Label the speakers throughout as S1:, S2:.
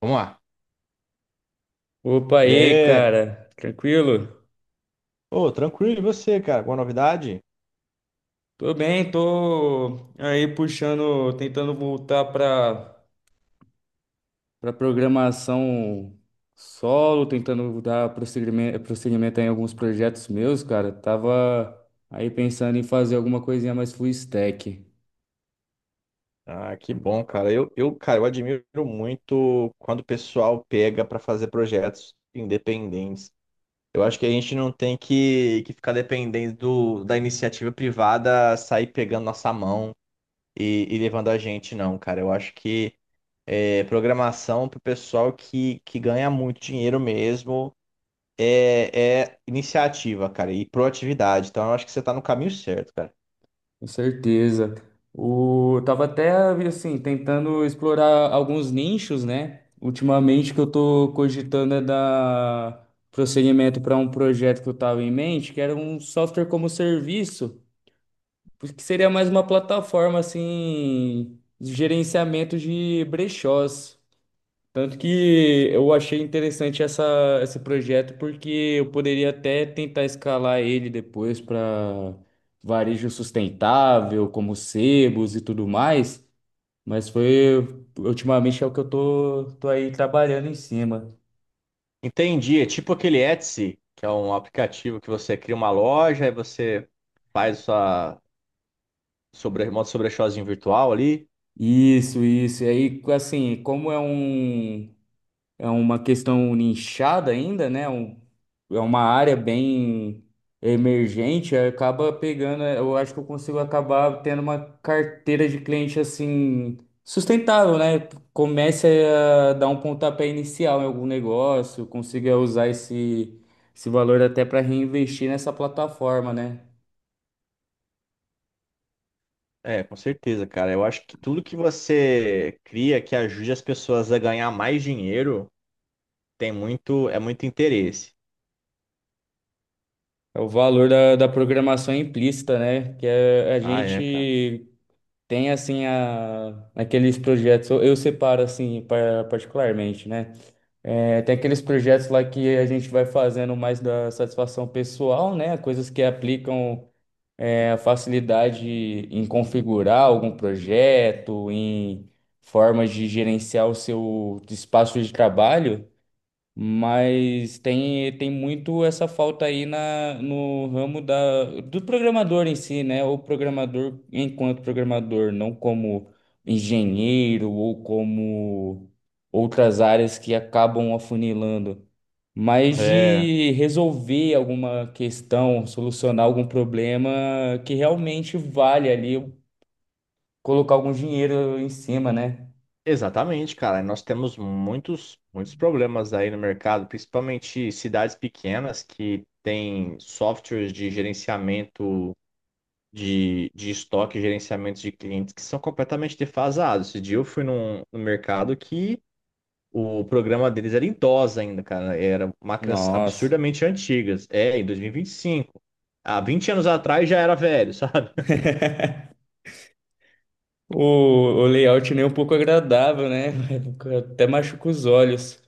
S1: Vamos lá.
S2: Opa
S1: E
S2: aí,
S1: aí?
S2: cara. Tranquilo?
S1: Ô, tranquilo, e você, cara? Alguma novidade?
S2: Tô bem, tô aí puxando, tentando voltar para programação solo, tentando dar prosseguimento em alguns projetos meus, cara. Tava aí pensando em fazer alguma coisinha mais full stack.
S1: Ah, que bom, cara. Eu, cara, eu admiro muito quando o pessoal pega pra fazer projetos independentes. Eu acho que a gente não tem que ficar dependendo da iniciativa privada sair pegando nossa mão e levando a gente, não, cara. Eu acho que programação pro pessoal que ganha muito dinheiro mesmo é iniciativa, cara, e proatividade. Então, eu acho que você tá no caminho certo, cara.
S2: Com certeza. O, eu tava até assim tentando explorar alguns nichos, né? Ultimamente que eu tô cogitando é dar prosseguimento para um projeto que eu tava em mente, que era um software como serviço, que seria mais uma plataforma assim de gerenciamento de brechós. Tanto que eu achei interessante esse projeto porque eu poderia até tentar escalar ele depois para varejo sustentável, como sebos e tudo mais, mas foi ultimamente é o que eu tô aí trabalhando em cima.
S1: Entendi. É tipo aquele Etsy, que é um aplicativo que você cria uma loja e você faz sua monta seu brechózinho virtual ali.
S2: Isso, isso. E aí, assim, é uma questão nichada ainda, né? É uma área bem emergente, aí acaba pegando, eu acho que eu consigo acabar tendo uma carteira de cliente assim sustentável, né? Comece a dar um pontapé inicial em algum negócio, consiga usar esse valor até para reinvestir nessa plataforma, né?
S1: É, com certeza, cara. Eu acho que tudo que você cria que ajude as pessoas a ganhar mais dinheiro é muito interesse.
S2: É o valor da programação implícita, né? Que é a
S1: Ah, é, cara.
S2: gente. Tem assim aqueles projetos, eu separo assim particularmente, né? É, tem aqueles projetos lá que a gente vai fazendo mais da satisfação pessoal, né? Coisas que aplicam a facilidade em configurar algum projeto, em formas de gerenciar o seu espaço de trabalho. Mas tem muito essa falta aí no ramo do programador em si, né? O programador enquanto programador, não como engenheiro ou como outras áreas que acabam afunilando, mas
S1: É,
S2: de resolver alguma questão, solucionar algum problema que realmente vale ali colocar algum dinheiro em cima, né?
S1: exatamente, cara. Nós temos muitos problemas aí no mercado, principalmente cidades pequenas que têm softwares de gerenciamento de estoque e gerenciamento de clientes que são completamente defasados. Esse dia eu fui num mercado que o programa deles era em DOS ainda, cara. Era máquinas
S2: Nossa.
S1: absurdamente antigas. É, em dois mil e vinte e cinco. Há 20 anos atrás já era velho, sabe?
S2: O, o layout nem um pouco agradável, né? Até machuca os olhos.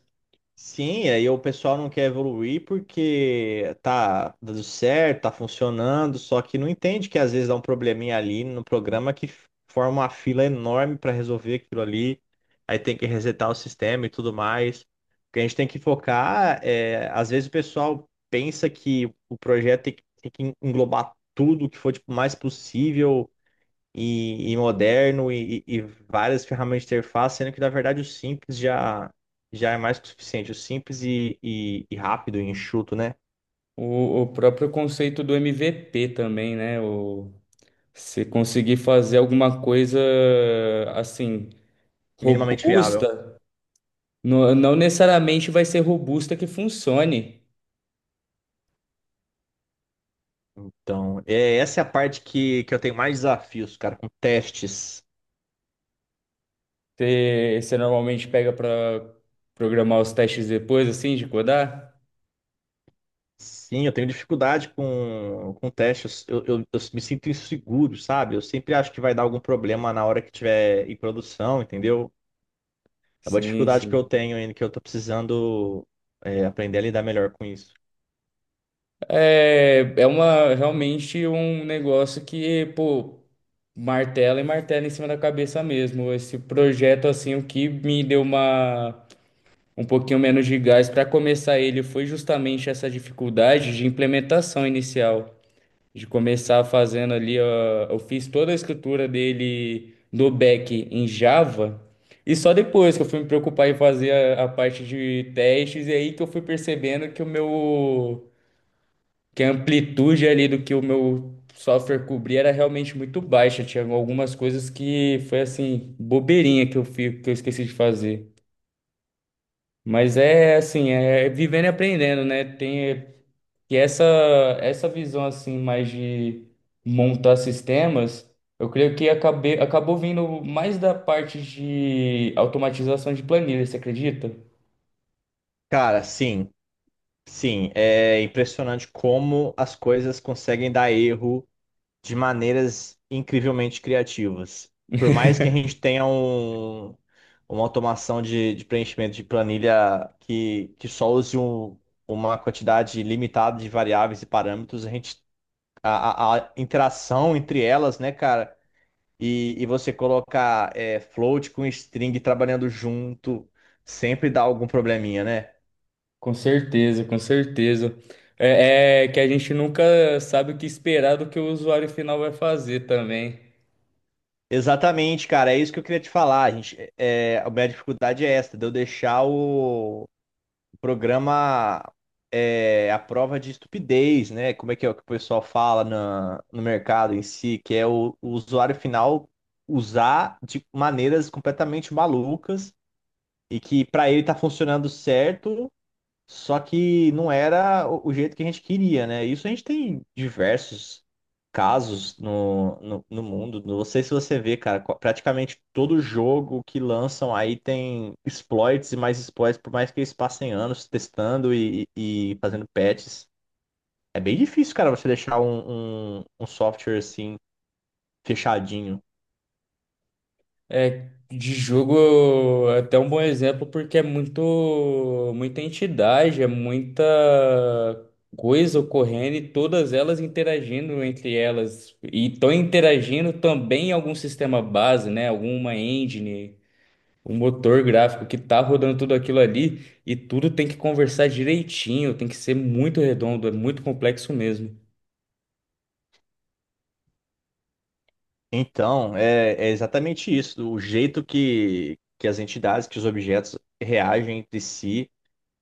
S1: Sim, aí o pessoal não quer evoluir porque tá dando certo, tá funcionando, só que não entende que às vezes dá um probleminha ali no programa que forma uma fila enorme para resolver aquilo ali, aí tem que resetar o sistema e tudo mais. O que a gente tem que focar é, às vezes o pessoal pensa que o projeto tem que englobar tudo que for tipo, mais possível e moderno e várias ferramentas de interface, sendo que na verdade já é mais que o suficiente. O simples e rápido e enxuto, né?
S2: O próprio conceito do MVP também, né? O, você conseguir fazer alguma coisa assim,
S1: Minimamente viável.
S2: robusta, não necessariamente vai ser robusta que funcione.
S1: Então, é, essa é a parte que eu tenho mais desafios, cara, com testes.
S2: Você normalmente pega para programar os testes depois, assim, de codar?
S1: Sim, eu tenho dificuldade com testes. Eu me sinto inseguro, sabe? Eu sempre acho que vai dar algum problema na hora que tiver em produção, entendeu? É uma
S2: Sim,
S1: dificuldade que eu
S2: sim.
S1: tenho ainda, que eu tô precisando, aprender a lidar melhor com isso.
S2: É, é uma realmente um negócio que, pô, martela e martela em cima da cabeça mesmo. Esse projeto, assim, o que me deu uma um pouquinho menos de gás para começar ele foi justamente essa dificuldade de implementação inicial, de começar fazendo ali, ó, eu fiz toda a escritura dele do back em Java. E só depois que eu fui me preocupar em fazer a parte de testes, e aí que eu fui percebendo que o meu que a amplitude ali do que o meu software cobria era realmente muito baixa. Tinha algumas coisas que foi assim, bobeirinha que eu fico, que eu esqueci de fazer. Mas é assim, é vivendo e aprendendo, né? Tem e essa visão assim mais de montar sistemas, eu creio que acabou vindo mais da parte de automatização de planilha, você acredita?
S1: Cara, sim. Sim, é impressionante como as coisas conseguem dar erro de maneiras incrivelmente criativas. Por mais que a gente tenha uma automação de preenchimento de planilha que só use uma quantidade limitada de variáveis e parâmetros, a gente, a interação entre elas, né, cara, e você colocar float com string trabalhando junto, sempre dá algum probleminha, né?
S2: Com certeza, com certeza. É, é que a gente nunca sabe o que esperar do que o usuário final vai fazer também.
S1: Exatamente, cara, é isso que eu queria te falar. A gente, a minha dificuldade é esta, de eu deixar o programa a prova de estupidez, né? Como é que é o que o pessoal fala na, no mercado em si, que é o usuário final usar de maneiras completamente malucas e que para ele tá funcionando certo, só que não era o jeito que a gente queria, né? Isso a gente tem diversos casos no mundo. Não sei se você vê, cara, praticamente todo jogo que lançam aí tem exploits e mais exploits, por mais que eles passem anos testando e fazendo patches. É bem difícil, cara, você deixar um software assim fechadinho.
S2: É, de jogo é até um bom exemplo porque é muita entidade, é muita coisa ocorrendo e todas elas interagindo entre elas. E estão interagindo também em algum sistema base, né? Alguma engine. O motor gráfico que tá rodando tudo aquilo ali e tudo tem que conversar direitinho, tem que ser muito redondo, é muito complexo mesmo.
S1: Então, é, é exatamente isso. O jeito que as entidades, que os objetos reagem entre si.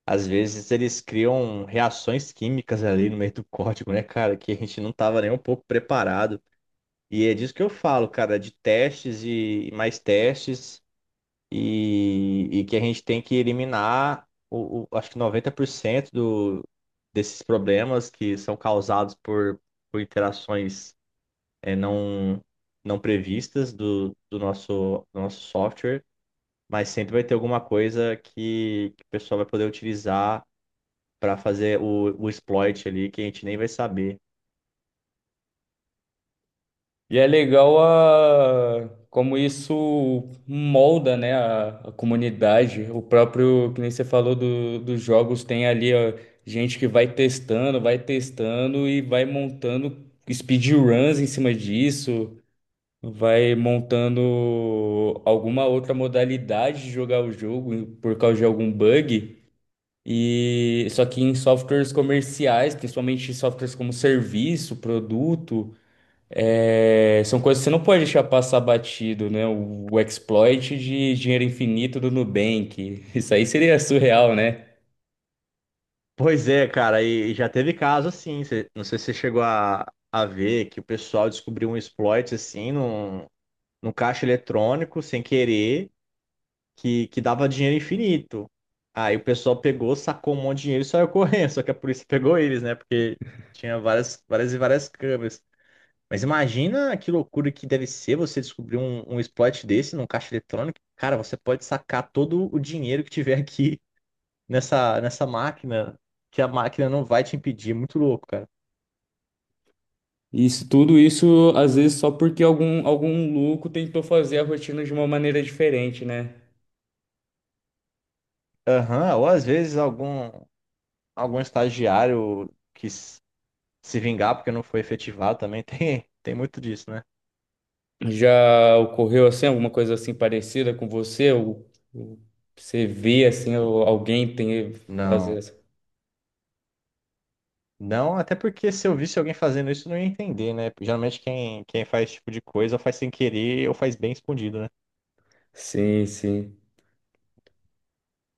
S1: Às vezes eles criam reações químicas ali no meio do código, né, cara? Que a gente não tava nem um pouco preparado. E é disso que eu falo, cara, de testes e mais testes, e que a gente tem que eliminar, acho que 90% desses problemas que são causados por interações é, não, não previstas do nosso software, mas sempre vai ter alguma coisa que o pessoal vai poder utilizar para fazer o exploit ali que a gente nem vai saber.
S2: E é legal a como isso molda, né, a comunidade. O próprio, que nem você falou dos jogos, tem ali ó, gente que vai testando e vai montando speedruns em cima disso. Vai montando alguma outra modalidade de jogar o jogo por causa de algum bug. E só que em softwares comerciais, principalmente softwares como serviço, produto, é, são coisas que você não pode deixar passar batido, né? O exploit de dinheiro infinito do Nubank. Isso aí seria surreal, né?
S1: Pois é, cara, e já teve caso assim, não sei se você chegou a ver que o pessoal descobriu um exploit assim num caixa eletrônico sem querer que dava dinheiro infinito. Aí o pessoal pegou, sacou um monte de dinheiro e saiu correndo, só que a polícia pegou eles, né? Porque tinha várias, várias câmeras. Mas imagina que loucura que deve ser você descobrir um exploit desse num caixa eletrônico. Cara, você pode sacar todo o dinheiro que tiver aqui nessa máquina que a máquina não vai te impedir. É muito louco, cara.
S2: Isso, tudo isso, às vezes, só porque algum louco tentou fazer a rotina de uma maneira diferente, né?
S1: Aham, ou às vezes algum estagiário quis se vingar porque não foi efetivado também. Tem muito disso, né?
S2: Já ocorreu assim, alguma coisa assim parecida com você? Ou você vê assim, ou alguém tem fazer
S1: Não.
S2: assim?
S1: Não, até porque se eu visse alguém fazendo isso, eu não ia entender, né? Geralmente quem faz esse tipo de coisa faz sem querer ou faz bem escondido, né?
S2: Sim, sim.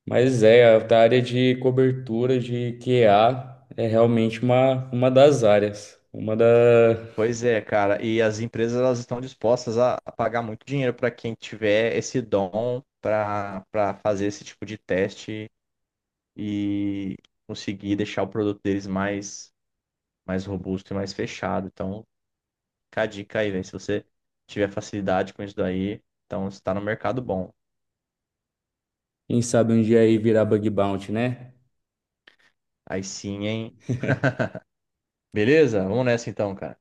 S2: Mas é, a área de cobertura de QA é realmente uma das áreas. Uma da.
S1: Pois é, cara. E as empresas elas estão dispostas a pagar muito dinheiro para quem tiver esse dom para fazer esse tipo de teste e conseguir deixar o produto deles mais robusto e mais fechado. Então, fica a dica aí, velho. Se você tiver facilidade com isso daí, então você tá no mercado bom.
S2: Quem sabe um dia aí virar bug bounty, né?
S1: Aí sim, hein? Beleza? Vamos nessa então, cara.